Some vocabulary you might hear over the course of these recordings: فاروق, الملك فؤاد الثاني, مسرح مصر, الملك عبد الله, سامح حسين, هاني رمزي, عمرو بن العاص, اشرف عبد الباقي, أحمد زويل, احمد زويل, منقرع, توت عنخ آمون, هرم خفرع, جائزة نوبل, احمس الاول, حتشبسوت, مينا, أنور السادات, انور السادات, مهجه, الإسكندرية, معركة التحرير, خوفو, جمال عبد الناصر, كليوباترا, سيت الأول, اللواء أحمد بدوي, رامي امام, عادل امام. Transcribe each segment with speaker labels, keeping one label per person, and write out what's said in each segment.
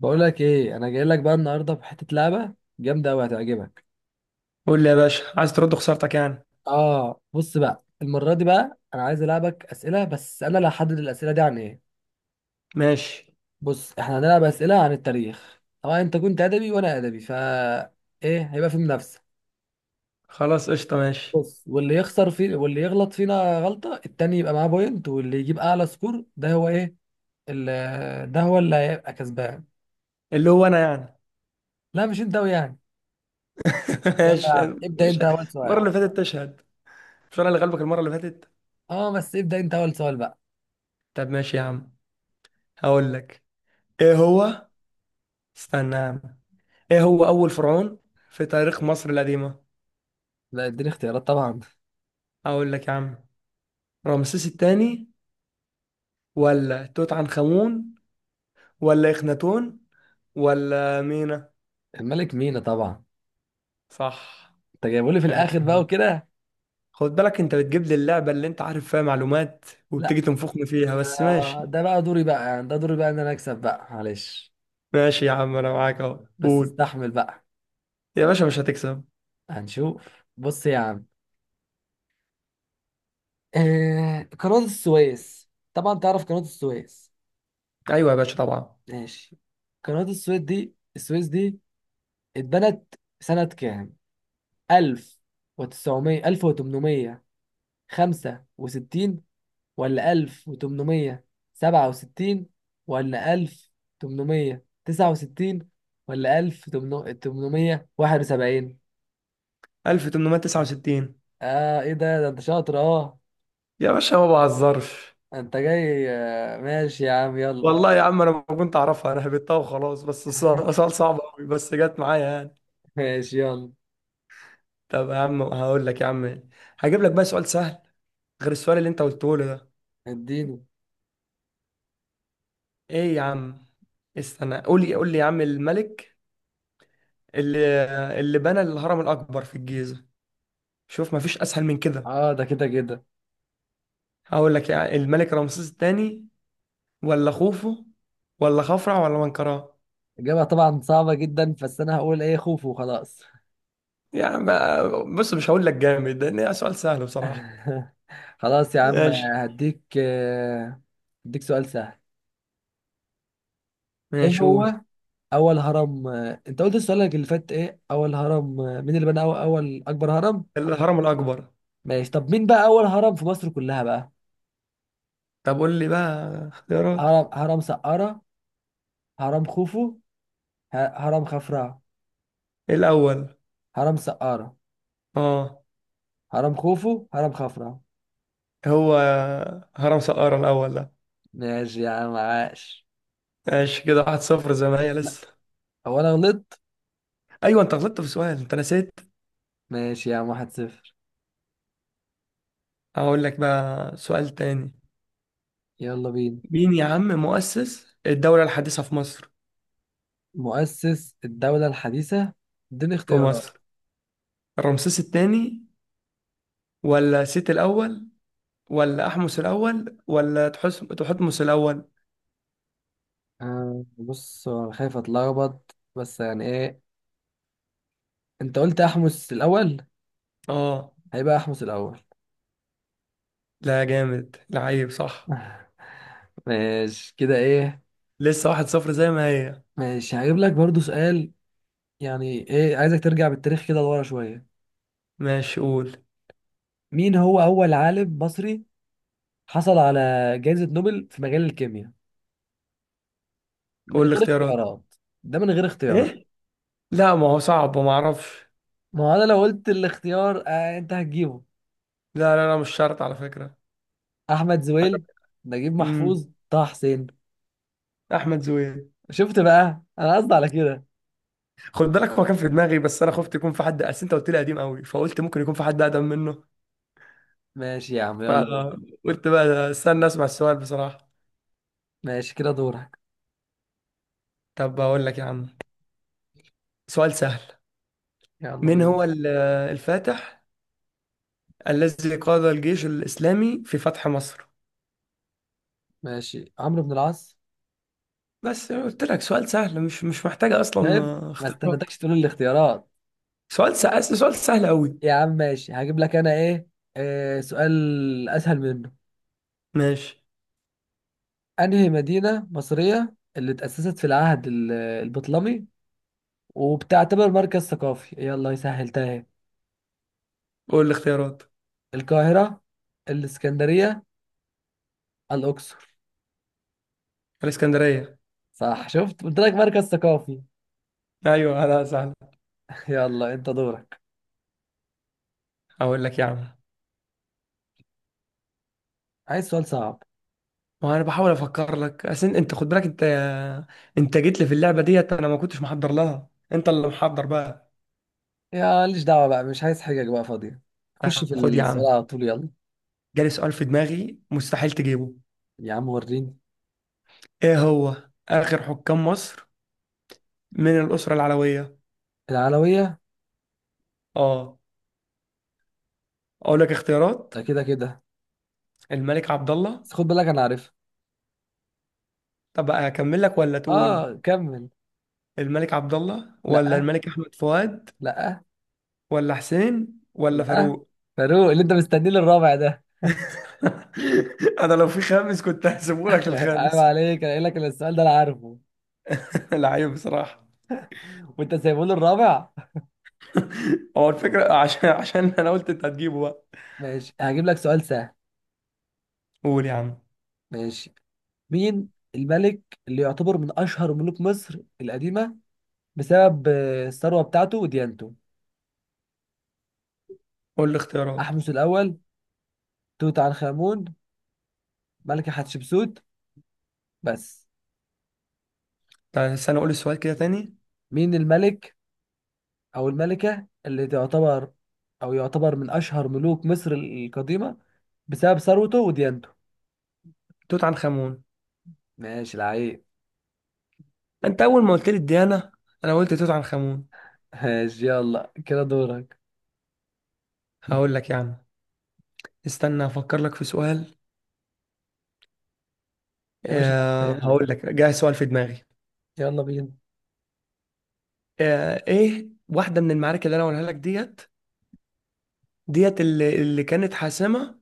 Speaker 1: بقول لك ايه، انا جاي لك بقى النهارده بحته لعبه جامده قوي هتعجبك.
Speaker 2: قول لي يا باشا، عايز ترد خسارتك يعني؟
Speaker 1: اه، بص بقى، المره دي بقى انا عايز العبك اسئله، بس انا اللي هحدد الاسئله دي عن ايه.
Speaker 2: ماشي.
Speaker 1: بص، احنا هنلعب اسئله عن التاريخ، طبعا انت كنت ادبي وانا ادبي ايه، هيبقى في منافسه.
Speaker 2: خلاص قشطه، ماشي.
Speaker 1: بص، واللي يخسر فيه واللي يغلط فينا غلطه التاني يبقى معاه بوينت، واللي يجيب اعلى سكور ده هو ايه، ده هو اللي هيبقى كسبان.
Speaker 2: اللي هو انا يعني؟
Speaker 1: لا مش انت ويعني. يلا يا
Speaker 2: ماشي.
Speaker 1: عم ابدا،
Speaker 2: مش
Speaker 1: انت اول
Speaker 2: المره
Speaker 1: سؤال.
Speaker 2: اللي فاتت تشهد؟ مش انا اللي غلبك المره اللي فاتت؟
Speaker 1: اه بس ابدا، انت اول سؤال بقى.
Speaker 2: طب ماشي يا عم، هقول لك. ايه هو؟ استنى يا عم. ايه هو اول فرعون في تاريخ مصر القديمه؟
Speaker 1: لا، اديني اختيارات طبعا.
Speaker 2: هقول لك يا عم: رمسيس الثاني، ولا توت عنخ امون، ولا اخناتون، ولا مينا؟
Speaker 1: الملك مينا طبعا.
Speaker 2: صح.
Speaker 1: انت جايبه لي في الاخر بقى
Speaker 2: ماشي.
Speaker 1: وكده.
Speaker 2: خد بالك، انت بتجيب لي اللعبه اللي انت عارف فيها معلومات
Speaker 1: لا،
Speaker 2: وبتيجي تنفخني فيها، بس ماشي.
Speaker 1: ده بقى دوري بقى، يعني ده دوري بقى ان انا اكسب بقى، معلش.
Speaker 2: ماشي يا عم، انا معاك اهو
Speaker 1: بس
Speaker 2: قول.
Speaker 1: استحمل بقى.
Speaker 2: يا باشا مش هتكسب.
Speaker 1: هنشوف، بص يا عم. آه، قناة السويس طبعا، تعرف قناة السويس؟
Speaker 2: ايوه يا باشا طبعا.
Speaker 1: ماشي. قناة السويس دي، السويس دي اتبنت سنة كام؟ 1900، 1865، ولا 1867، ولا 1869، ولا 1871؟
Speaker 2: 1869.
Speaker 1: اه، ايه ده انت شاطر اه.
Speaker 2: يا باشا ما بهزرش.
Speaker 1: انت جاي، ماشي يا عم يلا.
Speaker 2: والله يا عم انا ما كنت اعرفها، انا هبتها وخلاص، بس السؤال سؤال صعب قوي بس جت معايا يعني.
Speaker 1: ماشي يلا.
Speaker 2: طب يا عم هقول لك يا عم، هجيب لك بقى سؤال سهل غير السؤال اللي انت قلته لي ده.
Speaker 1: اديني.
Speaker 2: ايه يا عم؟ استنى. قول لي، قول لي يا عم، الملك اللي اللي بنى الهرم الاكبر في الجيزة. شوف، ما فيش اسهل من كده.
Speaker 1: اه ده كده كده.
Speaker 2: هقول لك يا: الملك رمسيس الثاني، ولا خوفو، ولا خفرع، ولا منقرع؟
Speaker 1: اجابة طبعا صعبة جدا، بس انا هقول ايه، خوف وخلاص.
Speaker 2: يعني بص، مش هقول لك جامد لان سؤال سهل بصراحة.
Speaker 1: خلاص يا عم.
Speaker 2: ماشي.
Speaker 1: هديك آه، هديك سؤال سهل. ايه
Speaker 2: ماشي قول.
Speaker 1: هو؟ اول هرم آه، انت قلت سؤالك اللي فات ايه؟ اول هرم آه، مين اللي بنى اول اكبر هرم؟
Speaker 2: الهرم الأكبر.
Speaker 1: ماشي، طب مين بقى اول هرم في مصر كلها بقى؟
Speaker 2: طب قول لي بقى اختيارات.
Speaker 1: هرم سقارة، هرم خوفو، هرم خفرع.
Speaker 2: الأول.
Speaker 1: هرم سقارة،
Speaker 2: اه،
Speaker 1: هرم خوفو، هرم خفرع.
Speaker 2: هو هرم سقارة الأول ده.
Speaker 1: ماشي يا عم، عاش.
Speaker 2: ماشي كده، واحد صفر زي ما هي
Speaker 1: لا،
Speaker 2: لسه.
Speaker 1: هو انا غلطت.
Speaker 2: أيوة أنت غلطت في سؤال، أنت نسيت.
Speaker 1: ماشي يا عم، واحد صفر.
Speaker 2: هقول لك بقى سؤال تاني.
Speaker 1: يلا بينا.
Speaker 2: مين يا عم مؤسس الدولة الحديثة في مصر؟
Speaker 1: مؤسس الدولة الحديثة. اديني
Speaker 2: في
Speaker 1: اختيارات.
Speaker 2: مصر: رمسيس التاني، ولا سيت الأول، ولا احمس الاول، ولا تحس تحتمس الاول؟
Speaker 1: آه بص، هو انا خايف اتلخبط، بس يعني ايه، انت قلت احمس الاول.
Speaker 2: اه.
Speaker 1: هيبقى احمس الاول.
Speaker 2: لا، جامد لعيب، صح.
Speaker 1: ماشي كده، ايه.
Speaker 2: لسه واحد صفر زي ما هي.
Speaker 1: ماشي، هجيب لك برضو سؤال. يعني ايه، عايزك ترجع بالتاريخ كده لورا شوية.
Speaker 2: ماشي قول.
Speaker 1: مين هو أول عالم مصري حصل على جائزة نوبل في مجال الكيمياء؟ من
Speaker 2: قول
Speaker 1: غير
Speaker 2: الاختيارات.
Speaker 1: اختيارات. ده من غير اختيارات.
Speaker 2: ايه؟ لا، ما هو صعب وما اعرفش.
Speaker 1: ما هو أنا لو قلت الاختيار آه أنت هتجيبه.
Speaker 2: لا لا لا، مش شرط على فكرة.
Speaker 1: أحمد زويل، نجيب
Speaker 2: امم،
Speaker 1: محفوظ، طه حسين.
Speaker 2: احمد زويل.
Speaker 1: شفت بقى، أنا قصدي على كده.
Speaker 2: خد بالك، هو كان في دماغي بس انا خفت يكون في حد، اصل انت قلت لي قديم قوي فقلت ممكن يكون في حد اقدم منه.
Speaker 1: ماشي يا عم، يلا قول.
Speaker 2: فقلت بقى استنى اسمع السؤال بصراحة.
Speaker 1: ماشي كده دورك.
Speaker 2: طب بقول لك يا عم، سؤال سهل.
Speaker 1: يلا
Speaker 2: مين
Speaker 1: بينا.
Speaker 2: هو الفاتح الذي قاد الجيش الإسلامي في فتح مصر؟
Speaker 1: ماشي، عمرو بن العاص.
Speaker 2: بس قلت لك سؤال سهل، مش محتاج أصلا
Speaker 1: شايف، ما
Speaker 2: اختيارات.
Speaker 1: استنيتكش تقول الاختيارات.
Speaker 2: سؤال سهل، سؤال سهل أوي.
Speaker 1: يا عم ماشي، هجيب لك انا ايه، آه سؤال اسهل منه.
Speaker 2: ماشي
Speaker 1: انهي مدينة مصرية اللي اتأسست في العهد البطلمي وبتعتبر مركز ثقافي؟ يلا سهلتها اهي.
Speaker 2: قول الاختيارات.
Speaker 1: القاهرة، الاسكندرية، الاقصر.
Speaker 2: الإسكندرية.
Speaker 1: صح، شفت، قلت لك مركز ثقافي.
Speaker 2: أيوه هذا سهل.
Speaker 1: يلا انت دورك.
Speaker 2: أقول لك يا عم.
Speaker 1: عايز سؤال صعب.
Speaker 2: وأنا بحاول أفكر لك، أصل أنت خد بالك. أنت جيت لي في اللعبة ديت، أنا ما كنتش محضر لها، أنت اللي محضر بقى.
Speaker 1: يا ليش دعوة بقى، مش عايز حاجة بقى فاضية. خش
Speaker 2: طب
Speaker 1: في
Speaker 2: خد يا
Speaker 1: السؤال
Speaker 2: عم.
Speaker 1: على طول يلا.
Speaker 2: جالي سؤال في دماغي مستحيل تجيبه.
Speaker 1: يا عم وريني.
Speaker 2: إيه هو؟ آخر حكام مصر من الأسرة العلوية؟
Speaker 1: العلوية.
Speaker 2: أه. أقول لك اختيارات؟
Speaker 1: ده كده كده.
Speaker 2: الملك عبد الله.
Speaker 1: بس خد بالك انا عارفها.
Speaker 2: طب اكمل لك ولا تقول؟
Speaker 1: اه كمل.
Speaker 2: الملك عبد الله، ولا
Speaker 1: لا،
Speaker 2: الملك احمد فؤاد،
Speaker 1: لا،
Speaker 2: ولا حسين، ولا
Speaker 1: لا.
Speaker 2: فاروق؟
Speaker 1: فاروق اللي انت مستنيه للرابع ده.
Speaker 2: انا لو في خامس كنت هسيبه لك
Speaker 1: عيب
Speaker 2: للخامس.
Speaker 1: عليك، انا قايل لك إن السؤال ده انا عارفه،
Speaker 2: لعيب بصراحه.
Speaker 1: وانت سايبه لي الرابع.
Speaker 2: هو الفكره عشان عشان انا قلت انت هتجيبه بقى.
Speaker 1: ماشي، هجيب لك سؤال سهل.
Speaker 2: قول يا عم.
Speaker 1: ماشي. مين الملك اللي يعتبر من اشهر ملوك مصر القديمه بسبب الثروه بتاعته وديانته؟
Speaker 2: قول لي اختيارات.
Speaker 1: احمس الاول، توت عنخ امون، ملكه حتشبسوت، بس.
Speaker 2: طيب، بس انا اقول السؤال كده تاني.
Speaker 1: مين الملك او الملكه اللي تعتبر او يعتبر من اشهر ملوك مصر القديمه بسبب ثروته وديانته؟
Speaker 2: توت عنخ امون.
Speaker 1: ماشي العيب.
Speaker 2: انت اول ما قلت لي الديانه، انا قلت توت عنخ امون.
Speaker 1: ماشي يلا كده دورك.
Speaker 2: هقول لك يا عم، استنى افكر لك في سؤال.
Speaker 1: يا باشا معاك في أي
Speaker 2: هقول
Speaker 1: حاجة.
Speaker 2: لك جاي سؤال في دماغي.
Speaker 1: يلا بينا.
Speaker 2: ايه واحده من المعارك اللي انا هقولها لك ديت، ديت اللي كانت حاسمه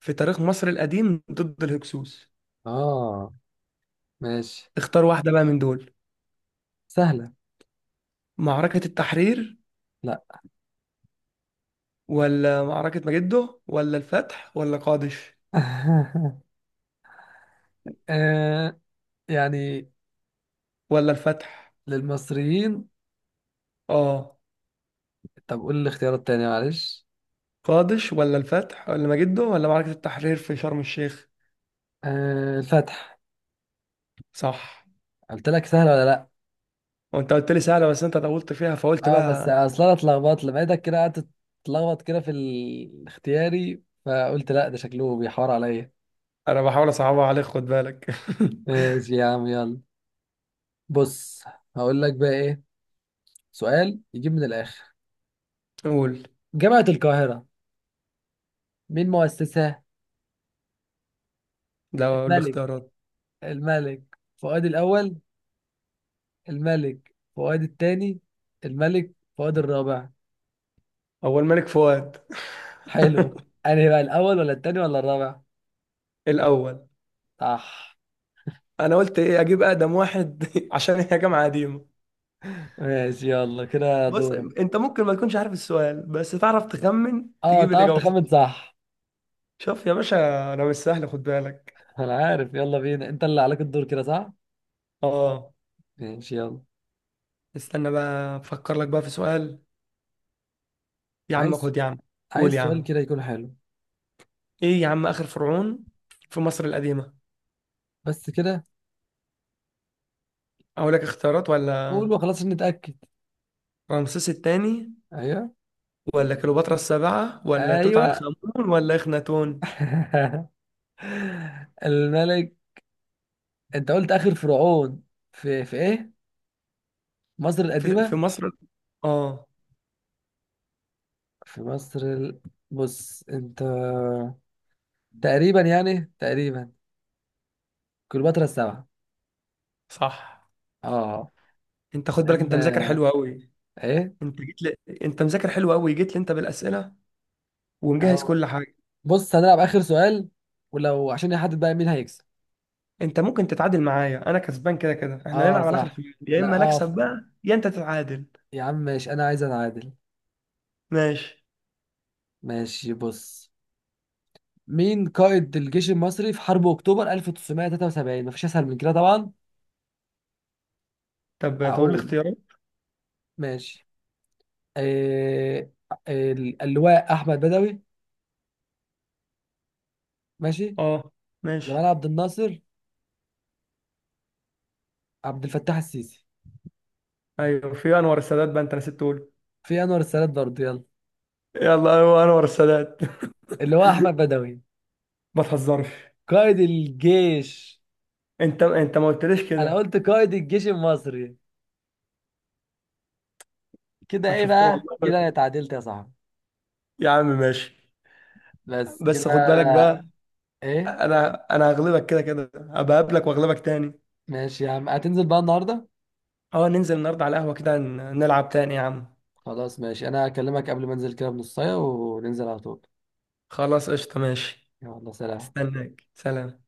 Speaker 2: في تاريخ مصر القديم ضد الهكسوس؟
Speaker 1: آه ماشي.
Speaker 2: اختار واحده بقى من دول.
Speaker 1: سهلة.
Speaker 2: معركه التحرير،
Speaker 1: لا.
Speaker 2: ولا معركه مجده، ولا الفتح، ولا قادش؟
Speaker 1: آه يعني.
Speaker 2: ولا الفتح؟
Speaker 1: للمصريين.
Speaker 2: اه.
Speaker 1: طب قول لي الاختيار التاني معلش.
Speaker 2: قادش، ولا الفتح، ولا مجده، ولا معركه التحرير في شرم الشيخ؟
Speaker 1: آه، الفتح.
Speaker 2: صح.
Speaker 1: قلت لك سهلة ولا لا؟
Speaker 2: وانت قلت لي سهله بس انت طولت فيها فقلت
Speaker 1: اه، بس
Speaker 2: بقى.
Speaker 1: اصل انا اتلخبطت، لقيتك كده قعدت تتلخبط كده في الاختياري، فقلت لا ده شكله بيحور عليا.
Speaker 2: انا بحاول اصعبها عليك، خد بالك.
Speaker 1: ماشي يا عم يلا. بص، هقول لك بقى ايه، سؤال يجيب من الاخر.
Speaker 2: قول.
Speaker 1: جامعة القاهرة، مين مؤسسها؟
Speaker 2: ده اقول
Speaker 1: الملك،
Speaker 2: الاختيارات.
Speaker 1: الملك فؤاد الأول، الملك فؤاد الثاني، الملك فؤاد الرابع.
Speaker 2: اول ملك فؤاد.
Speaker 1: حلو. أنهي بقى، الأول ولا الثاني ولا الرابع؟
Speaker 2: الاول.
Speaker 1: صح.
Speaker 2: انا قلت ايه اجيب اقدم واحد عشان هي جامعه قديمه.
Speaker 1: ماشي يلا كده
Speaker 2: بص،
Speaker 1: دورك.
Speaker 2: انت ممكن ما تكونش عارف السؤال بس تعرف تخمن
Speaker 1: اه،
Speaker 2: تجيب
Speaker 1: تعرف
Speaker 2: الاجابه صح.
Speaker 1: تخمن صح.
Speaker 2: شوف يا باشا، انا مش سهل خد بالك.
Speaker 1: أنا عارف، يلا بينا، أنت اللي عليك الدور كده صح؟
Speaker 2: اه.
Speaker 1: ماشي يلا.
Speaker 2: استنى بقى افكر لك بقى في سؤال. يا عم
Speaker 1: عايز
Speaker 2: خد يا عم. قول
Speaker 1: عايز
Speaker 2: يا
Speaker 1: سؤال
Speaker 2: عم.
Speaker 1: كده يكون حلو.
Speaker 2: ايه يا عم اخر فرعون في مصر القديمه؟
Speaker 1: بس كده.
Speaker 2: اقول لك اختيارات ولا؟
Speaker 1: قول وخلاص عشان نتأكد.
Speaker 2: رمسيس الثاني،
Speaker 1: أيوه.
Speaker 2: ولا كليوباترا السابعه، ولا توت عنخ
Speaker 1: أيوه.
Speaker 2: امون، ولا اخناتون؟
Speaker 1: الملك. أنت قلت آخر فرعون في إيه، مصر
Speaker 2: في
Speaker 1: القديمة.
Speaker 2: مصر. اه.
Speaker 1: في مصر بص انت، تقريبا يعني تقريبا، كليوباترا السبعة.
Speaker 2: صح.
Speaker 1: اه.
Speaker 2: انت خد بالك،
Speaker 1: لان،
Speaker 2: انت مذاكر حلو قوي.
Speaker 1: ايه.
Speaker 2: انت جيت لي، انت مذاكر حلو قوي، جيت لي انت بالاسئله ومجهز
Speaker 1: اه
Speaker 2: كل حاجه.
Speaker 1: بص، هنلعب اخر سؤال، ولو عشان يحدد بقى مين هيكسب.
Speaker 2: انت ممكن تتعادل معايا، انا كسبان كده كده. احنا
Speaker 1: اه
Speaker 2: هنلعب على اخر
Speaker 1: صح.
Speaker 2: خميس، يا
Speaker 1: لا
Speaker 2: اما
Speaker 1: اه،
Speaker 2: نكسب بقى يا انت تتعادل.
Speaker 1: يا عم ماشي، انا عايز اتعادل.
Speaker 2: ماشي.
Speaker 1: ماشي بص، مين قائد الجيش المصري في حرب اكتوبر 1973؟ مفيش اسهل من كده طبعا.
Speaker 2: طب تقول لي
Speaker 1: هقول.
Speaker 2: اختيارات.
Speaker 1: ماشي. إيه... اللواء احمد بدوي، ماشي،
Speaker 2: اه.
Speaker 1: جمال
Speaker 2: ماشي.
Speaker 1: عبد الناصر، عبد الفتاح السيسي.
Speaker 2: ايوه في انور السادات بقى انت نسيت تقول.
Speaker 1: في انور السادات برضه يلا.
Speaker 2: يلا ايوه انور السادات.
Speaker 1: اللي هو احمد بدوي،
Speaker 2: ما تهزرش.
Speaker 1: قائد الجيش.
Speaker 2: انت ما قلتليش
Speaker 1: انا
Speaker 2: كده.
Speaker 1: قلت قائد الجيش المصري. كده
Speaker 2: ما
Speaker 1: ايه
Speaker 2: شفت
Speaker 1: بقى،
Speaker 2: والله.
Speaker 1: كده انا اتعادلت يا صاحبي.
Speaker 2: يا عم ماشي.
Speaker 1: بس
Speaker 2: بس خد بالك
Speaker 1: كده.
Speaker 2: بقى.
Speaker 1: ايه.
Speaker 2: انا هغلبك كده كده، هبقى اقابلك واغلبك تاني.
Speaker 1: ماشي يا عم، هتنزل بقى النهارده.
Speaker 2: اه ننزل النهارده على القهوه كده، نلعب تاني يا عم.
Speaker 1: خلاص ماشي، انا هكلمك قبل ما انزل كده بنص ساعه وننزل على طول.
Speaker 2: خلاص قشطة ماشي.
Speaker 1: يلا سلام.
Speaker 2: استناك، سلام.